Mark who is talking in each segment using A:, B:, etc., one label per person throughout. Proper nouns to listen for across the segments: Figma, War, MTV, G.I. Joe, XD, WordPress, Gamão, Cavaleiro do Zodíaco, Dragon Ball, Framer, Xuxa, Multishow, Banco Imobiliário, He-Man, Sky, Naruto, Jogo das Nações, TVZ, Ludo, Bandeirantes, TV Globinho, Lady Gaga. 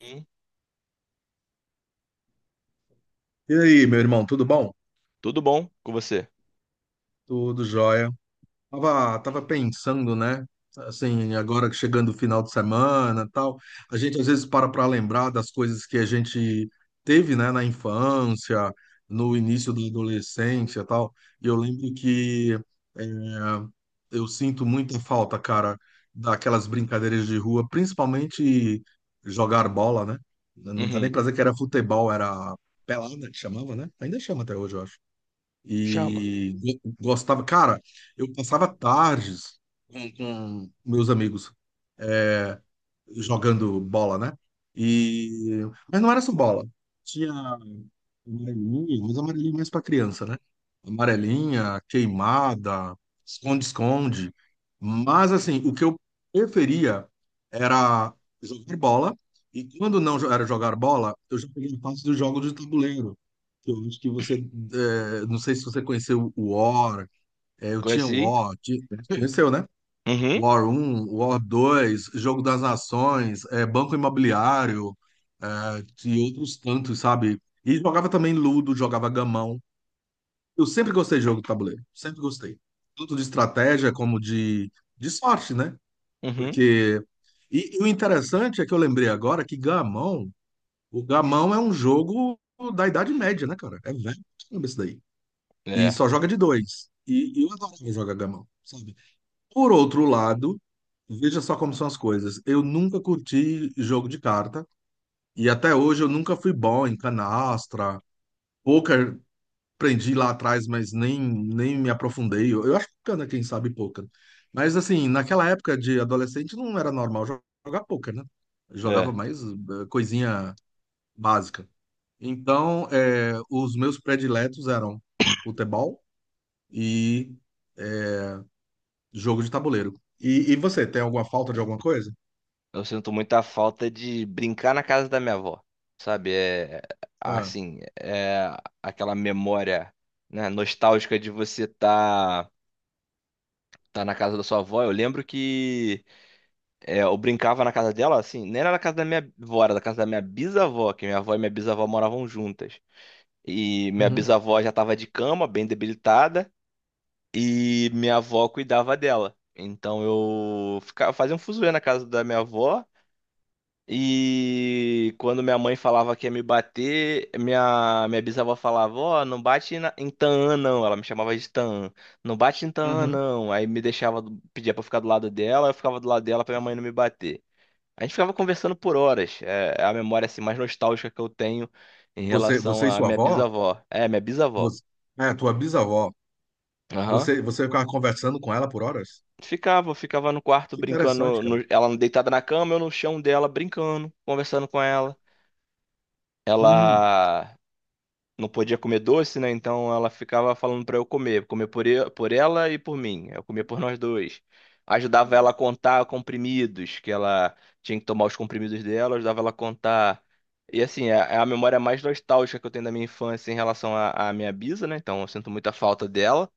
A: Hum.
B: E aí, meu irmão, tudo bom?
A: Tudo bom com você?
B: Tudo jóia. Tava pensando, né? Assim, agora que chegando o final de semana, tal, a gente às vezes para lembrar das coisas que a gente teve, né, na infância, no início da adolescência, tal. E eu lembro que é, eu sinto muita falta, cara, daquelas brincadeiras de rua, principalmente jogar bola, né? Não dá nem
A: Uhum.
B: pra dizer que era futebol, era pelada que chamava, né? Ainda chama até hoje, eu acho.
A: Chama.
B: E gostava, cara, eu passava tardes com meus amigos é, jogando bola, né? E, mas não era só bola. Tinha Amarelinha, mas amarelinha mais para criança, né? Amarelinha, queimada, esconde-esconde. Mas assim, o que eu preferia era jogar bola. E quando não era jogar bola, eu já peguei a parte do jogo de tabuleiro. Que eu acho que você, não sei se você conheceu o War. Eu tinha o
A: Conheci?
B: War. Conheceu, né?
A: Uhum.
B: War 1, War 2, Jogo das Nações, Banco Imobiliário, e outros tantos, sabe? E jogava também Ludo, jogava Gamão. Eu sempre gostei de jogo de tabuleiro, sempre gostei. Tanto de estratégia como de sorte, né?
A: Uhum.
B: Porque. E o interessante é que eu lembrei agora que Gamão, o Gamão é um jogo da Idade Média, né, cara? É velho, caramba, isso daí. E
A: É.
B: só joga de dois. E eu adoro jogar Gamão, sabe? Por outro lado, veja só como são as coisas. Eu nunca curti jogo de carta e até hoje eu nunca fui bom em canastra. Poker aprendi lá atrás, mas nem me aprofundei. Eu acho bacana quem sabe poker. Mas assim, naquela época de adolescente não era normal jogar poker, né? Eu jogava
A: É.
B: mais coisinha básica. Então, os meus prediletos eram futebol e eh, jogo de tabuleiro. E você, tem alguma falta de alguma coisa?
A: Eu sinto muita falta de brincar na casa da minha avó. Sabe? É
B: Ah.
A: assim, aquela memória, né, nostálgica de você tá na casa da sua avó. Eu lembro que eu brincava na casa dela, assim, nem era na casa da minha avó, era da casa da minha bisavó, que minha avó e minha bisavó moravam juntas. E minha
B: Uhum,
A: bisavó já tava de cama, bem debilitada. E minha avó cuidava dela. Então eu ficava, fazia um fuzuê na casa da minha avó. E quando minha mãe falava que ia me bater, minha bisavó falava: Ó, não bate em Taã, não. Ela me chamava de Taã. Não bate em Taã,
B: uhum.
A: não. Aí me deixava, pedia pra eu ficar do lado dela, eu ficava do lado dela pra minha mãe não me bater. A gente ficava conversando por horas. É a memória, assim, mais nostálgica que eu tenho em
B: Você,
A: relação
B: você e
A: à
B: sua
A: minha
B: avó?
A: bisavó. É, minha bisavó.
B: Você, tua bisavó.
A: Aham.
B: Você ficava conversando com ela por horas?
A: Ficava, ficava no quarto
B: Que interessante,
A: brincando,
B: cara.
A: ela deitada na cama, eu no chão dela brincando, conversando com ela.
B: Hum,
A: Ela não podia comer doce, né? Então ela ficava falando pra eu comer, comer por ela e por mim. Eu comia por nós dois. Ajudava ela a contar comprimidos, que ela tinha que tomar os comprimidos dela, ajudava ela a contar. E assim, é a memória mais nostálgica que eu tenho da minha infância em relação à minha bisa, né? Então eu sinto muita falta dela.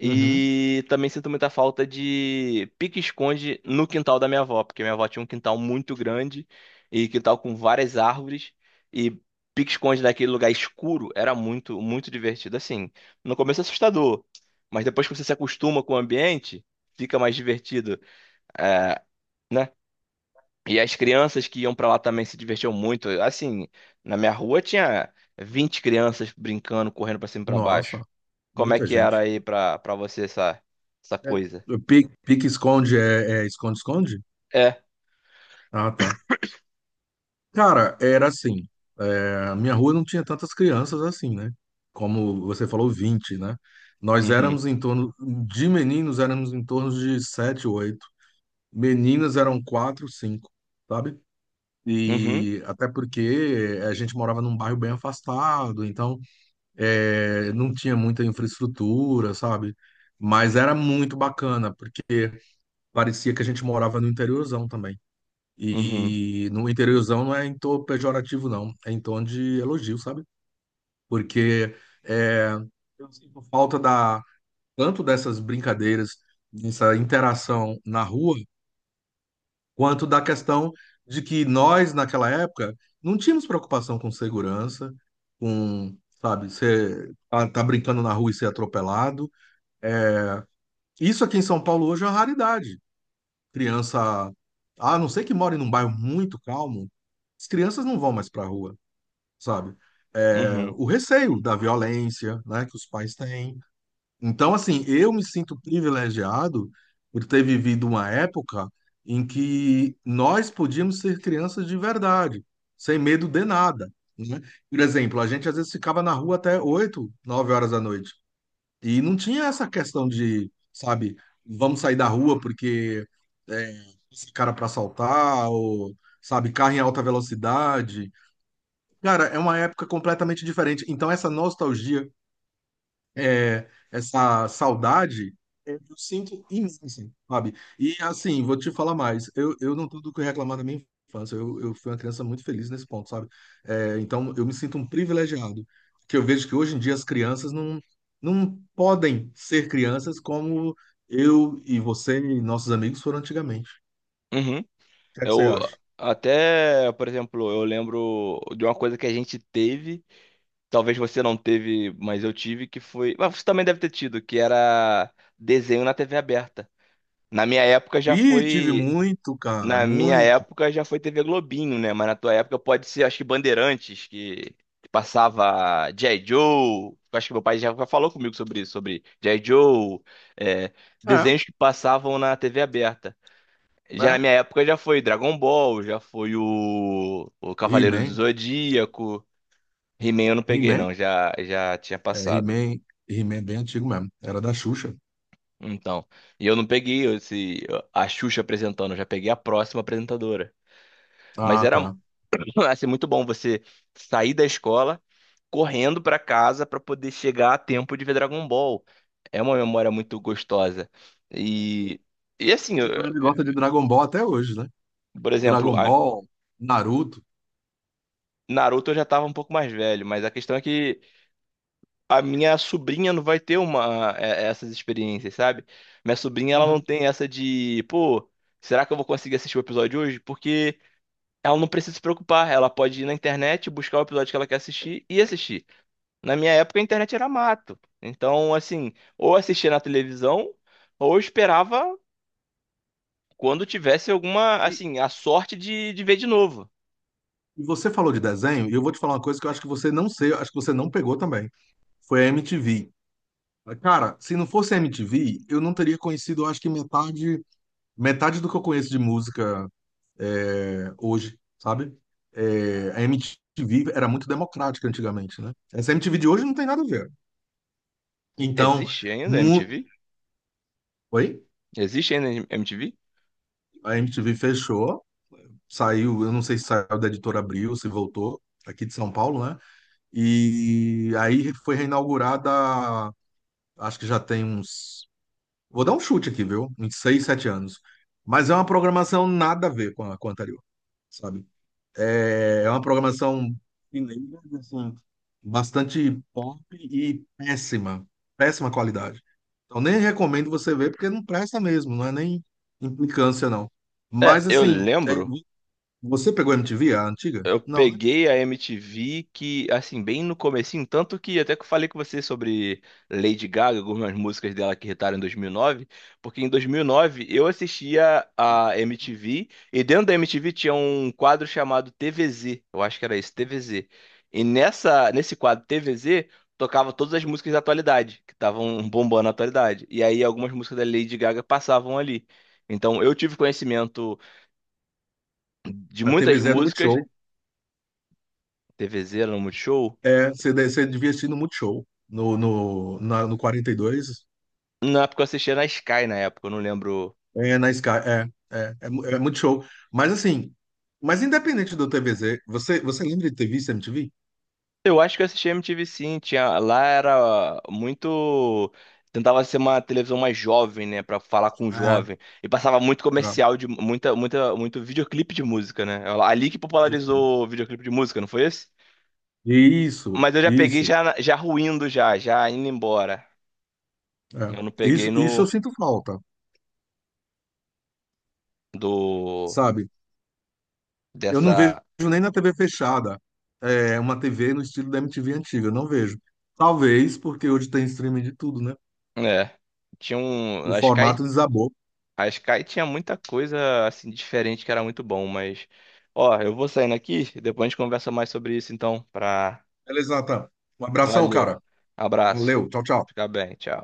B: uhum.
A: também sinto muita falta de pique-esconde no quintal da minha avó, porque minha avó tinha um quintal muito grande e quintal com várias árvores, e pique-esconde naquele lugar escuro era muito, muito divertido. Assim, no começo é assustador, mas depois que você se acostuma com o ambiente, fica mais divertido, é, né? E as crianças que iam pra lá também se divertiam muito. Assim, na minha rua tinha 20 crianças brincando, correndo pra cima e pra
B: Nossa,
A: baixo. Como é
B: muita
A: que era
B: gente.
A: aí pra você essa
B: É,
A: coisa?
B: pique-esconde é esconde-esconde?
A: É.
B: Ah, tá. Cara, era assim. A minha rua não tinha tantas crianças assim, né? Como você falou, 20, né? Nós éramos
A: Uhum.
B: em torno, de meninos éramos em torno de 7, 8. Meninas eram 4, 5, sabe?
A: Uhum.
B: E até porque a gente morava num bairro bem afastado, então não tinha muita infraestrutura, sabe? Mas era muito bacana, porque parecia que a gente morava no interiorzão também.
A: Uhum.
B: E no interiorzão não é em tom pejorativo, não, é em tom de elogio, sabe? Porque é, eu sinto falta da, tanto dessas brincadeiras, dessa interação na rua, quanto da questão de que nós, naquela época, não tínhamos preocupação com segurança, com, sabe, você tá brincando na rua e ser atropelado. Isso aqui em São Paulo hoje é uma raridade. Criança, a não ser que more num bairro muito calmo, as crianças não vão mais para a rua, sabe? É,
A: Uhum.
B: o receio da violência, né, que os pais têm, então, assim, eu me sinto privilegiado por ter vivido uma época em que nós podíamos ser crianças de verdade, sem medo de nada, né? Por exemplo, a gente às vezes ficava na rua até 8, 9 horas da noite. E não tinha essa questão de, sabe, vamos sair da rua porque é, esse cara para assaltar, ou, sabe, carro em alta velocidade. Cara, é uma época completamente diferente. Então, essa nostalgia essa saudade, eu sinto imensa, sabe? E assim, vou te falar mais, eu não tenho do que reclamar da minha infância, eu fui uma criança muito feliz nesse ponto, sabe? É, então, eu me sinto um privilegiado, que eu vejo que hoje em dia as crianças não podem ser crianças como eu e você e nossos amigos foram antigamente. O
A: Uhum.
B: que é que você
A: Eu
B: acha?
A: até, por exemplo, eu lembro de uma coisa que a gente teve, talvez você não teve, mas eu tive, que foi. Mas você também deve ter tido, que era desenho na TV aberta. Na minha época já
B: Ih, tive
A: foi
B: muito, cara,
A: Na minha
B: muito.
A: época já foi TV Globinho, né? Mas na tua época pode ser, acho que Bandeirantes, que passava G.I. Joe. Eu acho que meu pai já falou comigo sobre isso, sobre G.I. Joe, é,
B: É,
A: desenhos que passavam na TV aberta. Já na
B: é.
A: minha época já foi Dragon Ball, já foi o Cavaleiro do
B: He-Man,
A: Zodíaco. He-Man eu não peguei,
B: He-Man,
A: não, já tinha
B: é,
A: passado.
B: He-Man, He-Man é bem antigo mesmo, era da Xuxa.
A: Então, e eu não peguei a Xuxa apresentando, eu já peguei a próxima apresentadora. Mas
B: Ah,
A: era,
B: tá.
A: vai ser muito bom você sair da escola correndo pra casa pra poder chegar a tempo de ver Dragon Ball. É uma memória muito gostosa. E, e assim,
B: A galera gosta de Dragon Ball até hoje, né?
A: por exemplo,
B: Dragon Ball, Naruto.
A: Naruto eu já tava um pouco mais velho, mas a questão é que a minha sobrinha não vai ter uma, essas experiências, sabe? Minha sobrinha, ela não
B: Uhum.
A: tem essa de, pô, será que eu vou conseguir assistir o episódio hoje? Porque ela não precisa se preocupar, ela pode ir na internet, buscar o episódio que ela quer assistir e assistir. Na minha época a internet era mato. Então, assim, ou assistia na televisão, ou esperava quando tivesse alguma,
B: E,
A: assim, a sorte de ver de novo.
B: e você falou de desenho, e eu vou te falar uma coisa que eu acho que você não sei, acho que você não pegou também. Foi a MTV. Cara, se não fosse a MTV, eu não teria conhecido, eu acho que metade do que eu conheço de música hoje, sabe? É, a MTV era muito democrática antigamente, né? Essa MTV de hoje não tem nada a ver. Então,
A: Existe ainda a
B: mu...
A: MTV?
B: Oi?
A: Existe ainda a MTV?
B: A MTV fechou. Saiu, eu não sei se saiu da editora Abril, se voltou, aqui de São Paulo, né? E aí foi reinaugurada, acho que já tem uns. Vou dar um chute aqui, viu? Uns 6, 7 anos. Mas é uma programação nada a ver com a anterior, sabe? É uma programação mineira, assim, bastante pop e péssima, péssima qualidade. Então nem recomendo você ver, porque não presta mesmo, não é nem implicância, não.
A: É,
B: Mas
A: eu
B: assim,
A: lembro.
B: você pegou a MTV, a antiga?
A: Eu
B: Não, né?
A: peguei a MTV que, assim, bem no comecinho, tanto que até que eu falei com você sobre Lady Gaga, algumas músicas dela que irritaram em 2009, porque em 2009 eu assistia a MTV, e dentro da MTV tinha um quadro chamado TVZ, eu acho que era esse, TVZ. Nesse quadro TVZ tocava todas as músicas da atualidade, que estavam bombando na atualidade. E aí algumas músicas da Lady Gaga passavam ali. Então eu tive conhecimento de
B: A
A: muitas
B: TV Zé no Multishow.
A: músicas. TVZ era no Multishow.
B: É, você, você devia assistir no Multishow, no 42
A: Na Porque eu assistia na Sky na época, eu não lembro.
B: na Sky. É, é Multishow. Mas assim, mas independente do TVZ, você lembra de ter visto MTV?
A: Eu acho que eu assistia MTV, sim. Tinha lá, era muito, tentava ser uma televisão mais jovem, né, pra falar com o
B: Ah,
A: jovem. E passava muito
B: é,
A: comercial de muita muita muito videoclipe de música, né? É ali que
B: é isso mesmo.
A: popularizou o videoclipe de música, não foi esse?
B: Isso,
A: Mas eu já peguei
B: isso,
A: já ruindo, já indo embora.
B: é.
A: Eu não peguei
B: Isso eu
A: no
B: sinto falta,
A: do
B: sabe? Eu não vejo
A: dessa,
B: nem na TV fechada, uma TV no estilo da MTV antiga, eu não vejo. Talvez porque hoje tem streaming de tudo, né?
A: é. Tinha um,
B: O
A: a Sky
B: formato desabou.
A: A Sky tinha muita coisa assim diferente que era muito bom, mas ó, eu vou saindo aqui, depois a gente conversa mais sobre isso então, pra...
B: Beleza, Natan. Um abração,
A: Valeu.
B: cara.
A: Abraço.
B: Valeu. Tchau, tchau.
A: Fica bem, tchau.